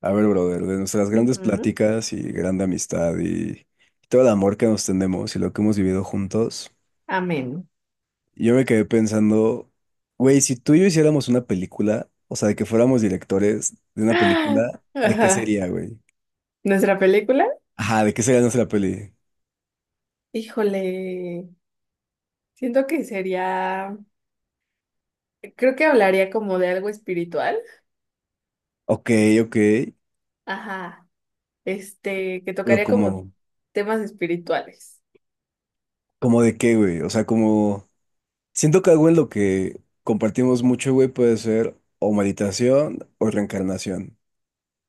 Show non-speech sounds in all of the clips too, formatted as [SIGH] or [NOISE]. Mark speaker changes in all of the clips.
Speaker 1: A ver, brother, de nuestras grandes
Speaker 2: Ujú.
Speaker 1: pláticas y grande amistad y todo el amor que nos tenemos y lo que hemos vivido juntos,
Speaker 2: Amén. [GASPS]
Speaker 1: yo me quedé pensando, güey, si tú y yo hiciéramos una película, o sea, de que fuéramos directores de una
Speaker 2: Ah,
Speaker 1: película, ¿de qué
Speaker 2: ajá.
Speaker 1: sería, güey?
Speaker 2: ¿Nuestra película?
Speaker 1: Ajá, ¿de qué sería nuestra peli?
Speaker 2: Híjole, siento que sería, creo que hablaría como de algo espiritual.
Speaker 1: Ok, ok,
Speaker 2: Ajá, que
Speaker 1: ¿pero
Speaker 2: tocaría como
Speaker 1: como,
Speaker 2: temas espirituales.
Speaker 1: como de qué, güey? O sea, como, siento que algo en lo que compartimos mucho, güey, puede ser o meditación o reencarnación.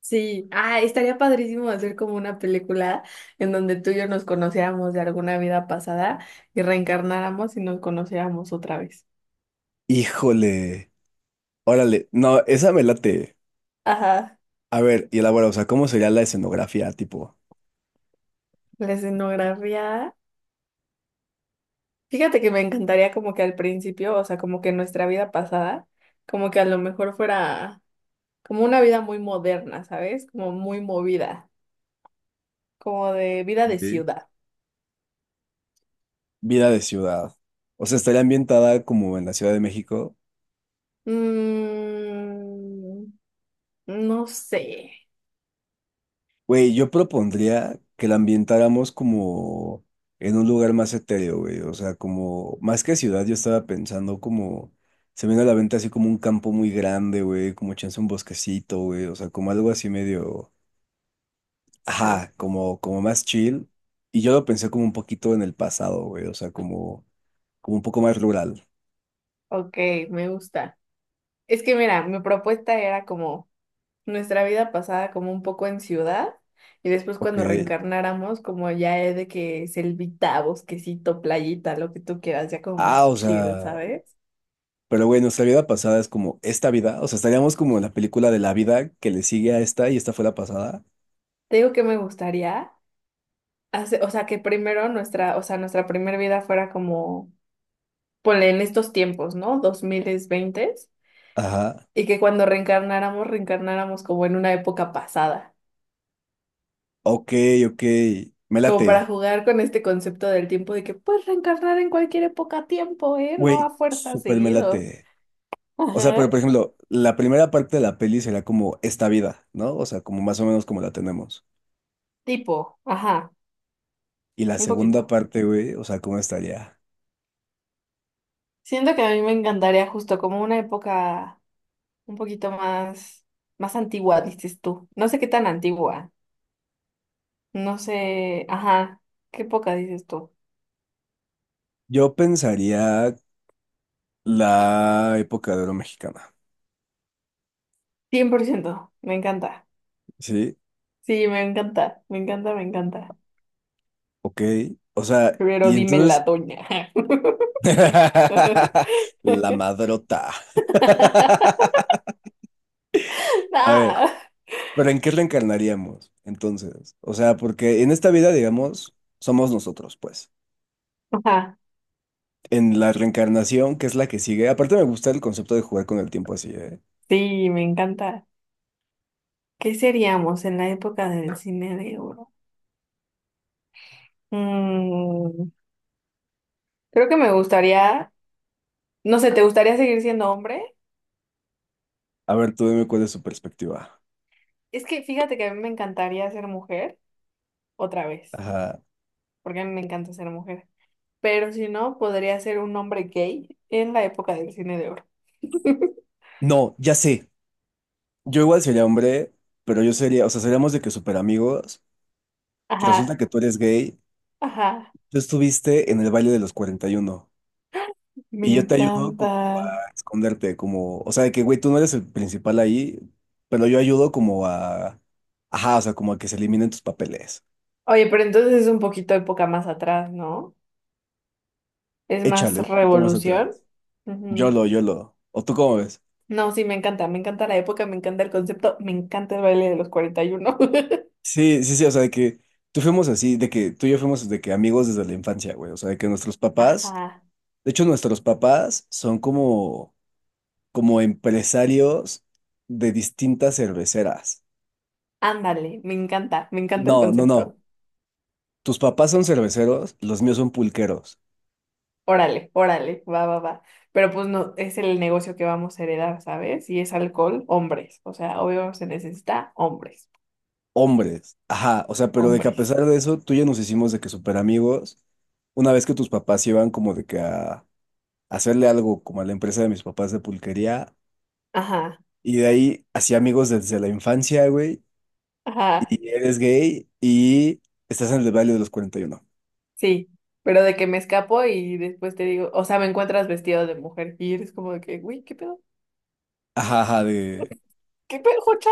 Speaker 2: Sí, ah, estaría padrísimo hacer como una película en donde tú y yo nos conociéramos de alguna vida pasada y reencarnáramos y nos conociéramos otra vez.
Speaker 1: Híjole, órale, no, esa me late.
Speaker 2: Ajá,
Speaker 1: A ver, y elabora, o sea, ¿cómo sería la escenografía, tipo?
Speaker 2: la escenografía. Fíjate que me encantaría como que al principio, o sea, como que nuestra vida pasada, como que a lo mejor fuera como una vida muy moderna, ¿sabes? Como muy movida, como de vida de
Speaker 1: Ok.
Speaker 2: ciudad.
Speaker 1: Vida de ciudad. O sea, estaría ambientada como en la Ciudad de México.
Speaker 2: Mm, no sé.
Speaker 1: Güey, yo propondría que la ambientáramos como en un lugar más etéreo, güey. O sea, como más que ciudad, yo estaba pensando como se me viene a la venta así como un campo muy grande, güey, como chance un bosquecito, güey. O sea, como algo así medio.
Speaker 2: Ah,
Speaker 1: Ajá, como más chill. Y yo lo pensé como un poquito en el pasado, güey. O sea, como un poco más rural.
Speaker 2: ok, me gusta. Es que mira, mi propuesta era como nuestra vida pasada como un poco en ciudad y después
Speaker 1: Ok.
Speaker 2: cuando reencarnáramos como ya es de que selvita, bosquecito, playita, lo que tú quieras, ya como
Speaker 1: Ah,
Speaker 2: más
Speaker 1: o
Speaker 2: chill,
Speaker 1: sea.
Speaker 2: ¿sabes?
Speaker 1: Pero, güey, nuestra vida pasada es como esta vida. O sea, estaríamos como en la película de la vida que le sigue a esta y esta fue la pasada.
Speaker 2: Te digo que me gustaría hacer, o sea, que primero nuestra, o sea, nuestra primera vida fuera como, ponle en estos tiempos, ¿no? 2020.
Speaker 1: Ajá.
Speaker 2: Y que cuando reencarnáramos, reencarnáramos como en una época pasada,
Speaker 1: Ok, ok. Me
Speaker 2: como para
Speaker 1: late.
Speaker 2: jugar con este concepto del tiempo de que puedes reencarnar en cualquier época tiempo, ¿eh? No
Speaker 1: Güey,
Speaker 2: a fuerza
Speaker 1: súper me
Speaker 2: seguido.
Speaker 1: late. O sea,
Speaker 2: Ajá.
Speaker 1: pero por ejemplo, la primera parte de la peli será como esta vida, ¿no? O sea, como más o menos como la tenemos.
Speaker 2: Tipo, ajá,
Speaker 1: Y la
Speaker 2: un
Speaker 1: segunda
Speaker 2: poquito.
Speaker 1: parte, güey, o sea, ¿cómo estaría?
Speaker 2: Siento que a mí me encantaría justo como una época un poquito más, más antigua, dices tú. No sé qué tan antigua. No sé, ajá, qué poca dices tú.
Speaker 1: Yo pensaría la época de oro mexicana.
Speaker 2: Cien por ciento me encanta.
Speaker 1: Sí,
Speaker 2: Sí, me encanta, me encanta, me encanta.
Speaker 1: ok. O sea,
Speaker 2: Pero
Speaker 1: y
Speaker 2: dime la
Speaker 1: entonces.
Speaker 2: doña. [LAUGHS]
Speaker 1: [LAUGHS] La madrota. [LAUGHS] A ver,
Speaker 2: Ah,
Speaker 1: pero ¿en qué reencarnaríamos entonces? O sea, porque en esta vida, digamos, somos nosotros, pues.
Speaker 2: ajá,
Speaker 1: En la reencarnación, que es la que sigue. Aparte, me gusta el concepto de jugar con el tiempo así, ¿eh?
Speaker 2: sí, me encanta. ¿Qué seríamos en la época del cine de oro? Mm, creo que me gustaría, no sé, ¿te gustaría seguir siendo hombre?
Speaker 1: A ver, tú dime cuál es su perspectiva.
Speaker 2: Es que fíjate que a mí me encantaría ser mujer otra vez,
Speaker 1: Ajá.
Speaker 2: porque a mí me encanta ser mujer. Pero si no, podría ser un hombre gay en la época del cine de oro. [LAUGHS]
Speaker 1: No, ya sé. Yo igual sería hombre, pero yo sería, o sea, seríamos de que super amigos. Resulta
Speaker 2: Ajá,
Speaker 1: que tú eres gay.
Speaker 2: ajá,
Speaker 1: Tú estuviste en el baile de los 41 y uno
Speaker 2: me
Speaker 1: y yo te ayudo
Speaker 2: encanta.
Speaker 1: como a esconderte, como, o sea, de que, güey, tú no eres el principal ahí, pero yo ayudo como a, ajá, o sea, como a que se eliminen tus papeles.
Speaker 2: Oye, pero entonces es un poquito época más atrás, ¿no? Es
Speaker 1: Échale
Speaker 2: más
Speaker 1: un poquito más
Speaker 2: revolución.
Speaker 1: atrás. Yo
Speaker 2: Ujú.
Speaker 1: lo, yo lo. ¿O tú cómo ves?
Speaker 2: No, sí, me encanta la época, me encanta el concepto, me encanta el baile de los 41.
Speaker 1: Sí, sí, sí, o sea, de que tú fuimos así, de que tú y yo fuimos de que amigos desde la infancia, güey, o sea, de que nuestros
Speaker 2: [LAUGHS]
Speaker 1: papás,
Speaker 2: Ajá,
Speaker 1: de hecho, nuestros papás son como, como empresarios de distintas cerveceras.
Speaker 2: ándale, me encanta el
Speaker 1: No, no, no.
Speaker 2: concepto.
Speaker 1: Tus papás son cerveceros, los míos son pulqueros,
Speaker 2: Órale, órale, va, va, va. Pero pues no, es el negocio que vamos a heredar, ¿sabes? Si es alcohol, hombres. O sea, obvio se necesita hombres.
Speaker 1: hombres, ajá, o sea, pero de que a
Speaker 2: Hombres.
Speaker 1: pesar de eso, tú y yo nos hicimos de que súper amigos, una vez que tus papás iban como de que a hacerle algo como a la empresa de mis papás de pulquería,
Speaker 2: Ajá,
Speaker 1: y de ahí así amigos desde la infancia, güey,
Speaker 2: ajá,
Speaker 1: y eres gay y estás en el Valle de los 41.
Speaker 2: sí. Pero de que me escapo y después te digo, o sea, me encuentras vestido de mujer y eres como de que, uy, ¿qué pedo?
Speaker 1: Ajá, ajá, de...
Speaker 2: ¿Qué pedo, Jocha?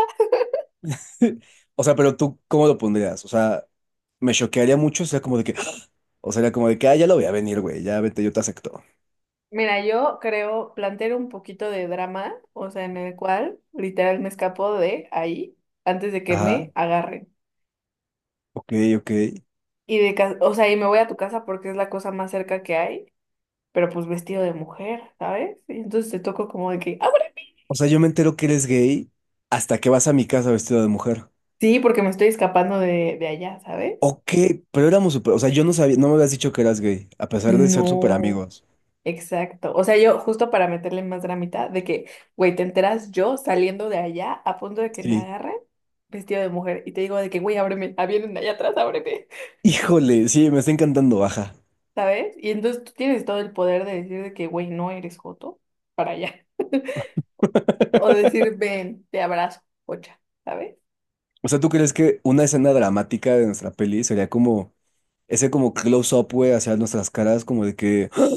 Speaker 1: [LAUGHS] O sea, pero tú, ¿cómo lo pondrías? O sea, me choquearía mucho, o sea, como de que, [GASPS] o sea, era como de que, ah, ya lo voy a venir, güey, ya vete, yo te acepto.
Speaker 2: Mira, yo creo plantear un poquito de drama, o sea, en el cual literal me escapo de ahí antes de que
Speaker 1: Ajá,
Speaker 2: me agarren.
Speaker 1: ok, ok.
Speaker 2: Y de ca- o sea, y me voy a tu casa porque es la cosa más cerca que hay, pero pues vestido de mujer, ¿sabes? Y entonces te toco como de que, "Ábreme".
Speaker 1: O sea, yo me entero que eres gay hasta que vas a mi casa vestido de mujer.
Speaker 2: Sí, porque me estoy escapando de allá, ¿sabes?
Speaker 1: Ok, pero éramos súper, o sea, yo no sabía, no me habías dicho que eras gay, a pesar de ser súper
Speaker 2: No.
Speaker 1: amigos.
Speaker 2: Exacto. O sea, yo justo para meterle más dramita de que, güey, te enteras yo saliendo de allá a punto de que me
Speaker 1: Sí.
Speaker 2: agarren vestido de mujer y te digo de que, güey, ábreme, ah, vienen allá atrás, ábreme,
Speaker 1: Híjole, sí, me está encantando, baja.
Speaker 2: [LAUGHS] ¿sabes? Y entonces tú tienes todo el poder de decir de que, güey, no eres joto para allá. [LAUGHS] O decir, ven, te abrazo, pocha, ¿sabes?
Speaker 1: O sea, ¿tú crees que una escena dramática de nuestra peli sería como ese como close-up, güey, hacia nuestras caras, como de que "Ah,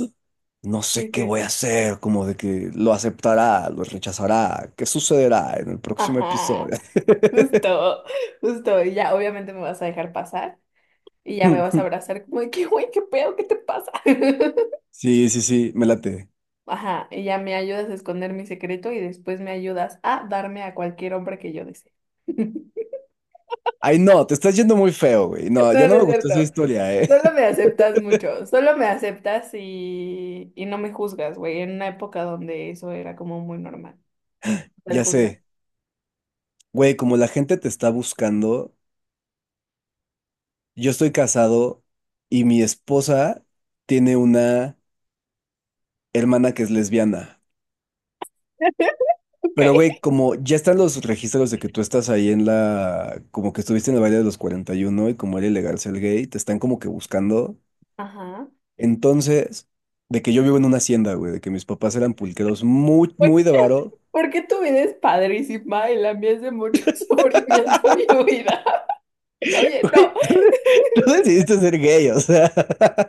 Speaker 1: no
Speaker 2: Y
Speaker 1: sé
Speaker 2: de
Speaker 1: qué
Speaker 2: que,
Speaker 1: voy a hacer, como de que lo aceptará, lo rechazará, qué sucederá en el próximo episodio"?
Speaker 2: ajá, justo, justo. Y ya, obviamente me vas a dejar pasar y ya me vas a
Speaker 1: [LAUGHS]
Speaker 2: abrazar como de que, güey, ¿qué pedo? ¿Qué te pasa? [LAUGHS]
Speaker 1: Sí, sí, sí, me late.
Speaker 2: Ajá, y ya me ayudas a esconder mi secreto y después me ayudas a darme a cualquier hombre que yo desee. [LAUGHS]
Speaker 1: Ay, no, te estás yendo muy feo, güey. No, ya
Speaker 2: No,
Speaker 1: no
Speaker 2: no
Speaker 1: me
Speaker 2: es
Speaker 1: gustó esa
Speaker 2: cierto.
Speaker 1: historia, ¿eh?
Speaker 2: Solo me aceptas mucho. Solo me aceptas y no me juzgas, güey. En una época donde eso era como muy normal,
Speaker 1: [LAUGHS]
Speaker 2: el
Speaker 1: Ya
Speaker 2: juzgar.
Speaker 1: sé, güey, como la gente te está buscando, yo estoy casado y mi esposa tiene una hermana que es lesbiana.
Speaker 2: [LAUGHS] Ok.
Speaker 1: Pero, güey, como ya están los registros de que tú estás ahí en la, como que estuviste en el baile de los 41 y uno y como era ilegal ser gay, te están como que buscando.
Speaker 2: Ajá.
Speaker 1: Entonces, de que yo vivo en una hacienda, güey, de que mis papás eran pulqueros muy,
Speaker 2: Pues,
Speaker 1: muy de varo,
Speaker 2: ¿por qué tu vida es padrísima y la mía es de mucho [LAUGHS] sufrimiento y huida? [LAUGHS] Oye, no.
Speaker 1: [LAUGHS] tú
Speaker 2: [LAUGHS]
Speaker 1: decidiste ser gay, o sea. [LAUGHS]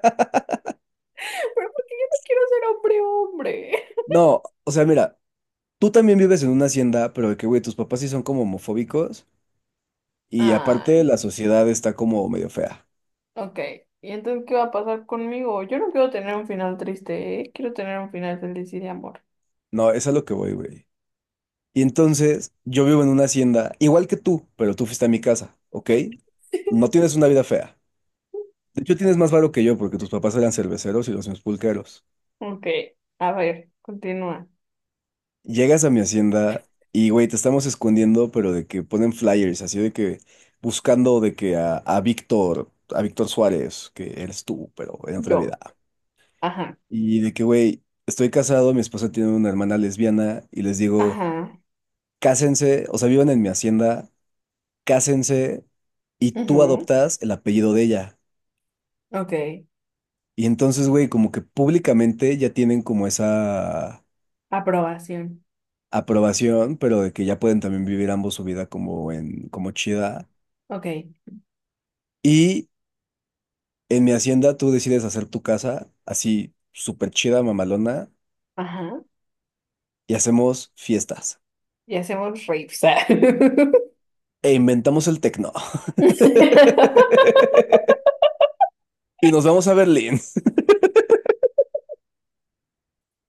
Speaker 2: Pero porque yo no quiero ser hombre, hombre.
Speaker 1: No, o sea, mira. Tú también vives en una hacienda, pero de que, güey, tus papás sí son como homofóbicos y aparte
Speaker 2: Ay.
Speaker 1: la sociedad está como medio fea.
Speaker 2: Ok, ¿y entonces qué va a pasar conmigo? Yo no quiero tener un final triste, ¿eh? Quiero tener un final feliz y de amor.
Speaker 1: No, es a lo que voy, güey. Y entonces yo vivo en una hacienda, igual que tú, pero tú fuiste a mi casa, ¿ok? No tienes una vida fea. De hecho, tienes más varo que yo porque tus papás eran cerveceros y los míos pulqueros.
Speaker 2: Ok, a ver, continúa.
Speaker 1: Llegas a mi hacienda y, güey, te estamos escondiendo, pero de que ponen flyers, así de que buscando de que a Víctor Suárez, que eres tú, pero en otra vida.
Speaker 2: Yo. Ajá.
Speaker 1: Y de que, güey, estoy casado, mi esposa tiene una hermana lesbiana y les digo,
Speaker 2: Ajá.
Speaker 1: cásense, o sea, vivan en mi hacienda, cásense y tú
Speaker 2: Ujú,
Speaker 1: adoptas el apellido de ella.
Speaker 2: ok.
Speaker 1: Y entonces, güey, como que públicamente ya tienen como esa
Speaker 2: Aprobación.
Speaker 1: aprobación, pero de que ya pueden también vivir ambos su vida como en, como chida.
Speaker 2: Ok.
Speaker 1: Y en mi hacienda tú decides hacer tu casa así súper chida, mamalona,
Speaker 2: Ajá.
Speaker 1: y hacemos fiestas.
Speaker 2: Y hacemos raves.
Speaker 1: E inventamos el tecno.
Speaker 2: [LAUGHS]
Speaker 1: [LAUGHS] Y nos vamos a Berlín. [LAUGHS]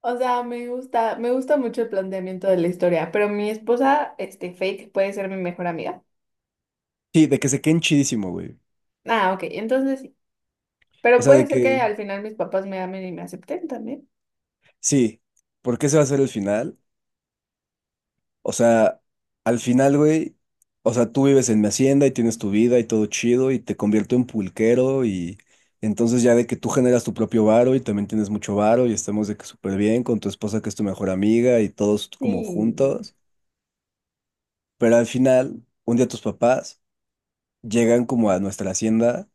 Speaker 2: O sea, me gusta mucho el planteamiento de la historia, pero mi esposa, Faith, puede ser mi mejor amiga.
Speaker 1: Sí, de que se queden chidísimo, güey.
Speaker 2: Ah, ok, entonces sí.
Speaker 1: O
Speaker 2: Pero
Speaker 1: sea, de
Speaker 2: puede ser
Speaker 1: que,
Speaker 2: que al final mis papás me amen y me acepten también.
Speaker 1: sí, porque ese va a ser el final. O sea, al final, güey, o sea, tú vives en mi hacienda y tienes tu vida y todo chido y te convierto en pulquero y entonces ya de que tú generas tu propio varo y también tienes mucho varo y estamos de que súper bien con tu esposa que es tu mejor amiga y todos como
Speaker 2: Sí.
Speaker 1: juntos. Pero al final, un día tus papás llegan como a nuestra hacienda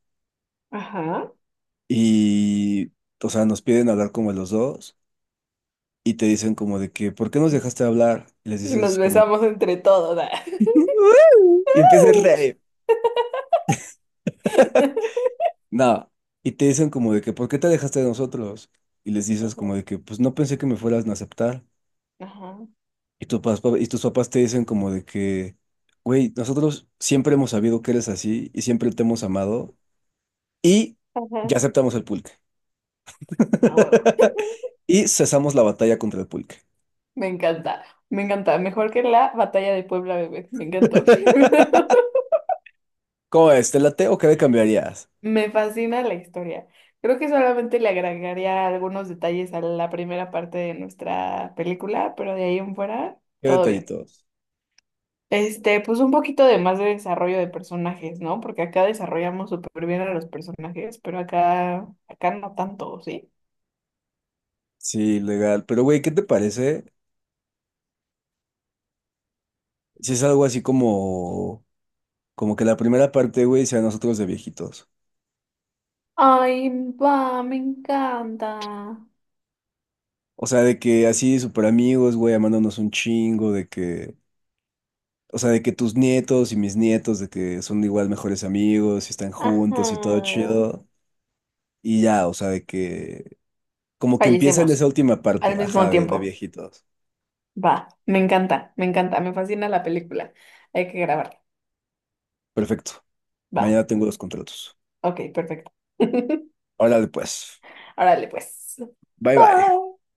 Speaker 2: Ajá.
Speaker 1: y, o sea, nos piden hablar como los dos. Y te dicen como de que, ¿por qué nos dejaste hablar? Y les
Speaker 2: Y nos
Speaker 1: dices como,
Speaker 2: besamos entre todos. [LAUGHS] Ah.
Speaker 1: [LAUGHS] y empiezas a reír. No, y te dicen como de que, ¿por qué te dejaste de nosotros? Y les dices como
Speaker 2: Ujú.
Speaker 1: de que, pues no pensé que me fueras a aceptar.
Speaker 2: Ajá.
Speaker 1: Y, y tus papás te dicen como de que, güey, nosotros siempre hemos sabido que eres así y siempre te hemos amado y ya
Speaker 2: Ajá.
Speaker 1: aceptamos el pulque.
Speaker 2: A huevo.
Speaker 1: [LAUGHS] Y cesamos la batalla contra el pulque.
Speaker 2: Me encanta. Me encanta. Mejor que la batalla de Puebla, bebé. Me encantó.
Speaker 1: [LAUGHS]
Speaker 2: [LAUGHS]
Speaker 1: ¿Cómo es? ¿Te late o qué le cambiarías?
Speaker 2: Me fascina la historia. Creo que solamente le agregaría algunos detalles a la primera parte de nuestra película, pero de ahí en fuera,
Speaker 1: ¿Qué
Speaker 2: todo bien.
Speaker 1: detallitos?
Speaker 2: Pues un poquito de más de desarrollo de personajes, ¿no? Porque acá desarrollamos súper bien a los personajes, pero acá, acá no tanto, ¿sí?
Speaker 1: Sí, legal. Pero, güey, ¿qué te parece? Si es algo así como, como que la primera parte, güey, sea nosotros de viejitos.
Speaker 2: Ay, va, me encanta.
Speaker 1: O sea, de que así súper amigos, güey, amándonos un chingo, de que, o sea, de que tus nietos y mis nietos, de que son igual mejores amigos y están
Speaker 2: Ajá.
Speaker 1: juntos y todo chido. Y ya, o sea, de que, como que empieza en esa
Speaker 2: Fallecemos
Speaker 1: última
Speaker 2: al
Speaker 1: parte,
Speaker 2: mismo
Speaker 1: ajá, de
Speaker 2: tiempo.
Speaker 1: viejitos.
Speaker 2: Va, me encanta, me encanta, me fascina la película. Hay que grabarla.
Speaker 1: Perfecto.
Speaker 2: Va,
Speaker 1: Mañana tengo los contratos.
Speaker 2: ok, perfecto. [LAUGHS]
Speaker 1: Órale, pues.
Speaker 2: Órale, pues.
Speaker 1: Bye bye.
Speaker 2: Bye.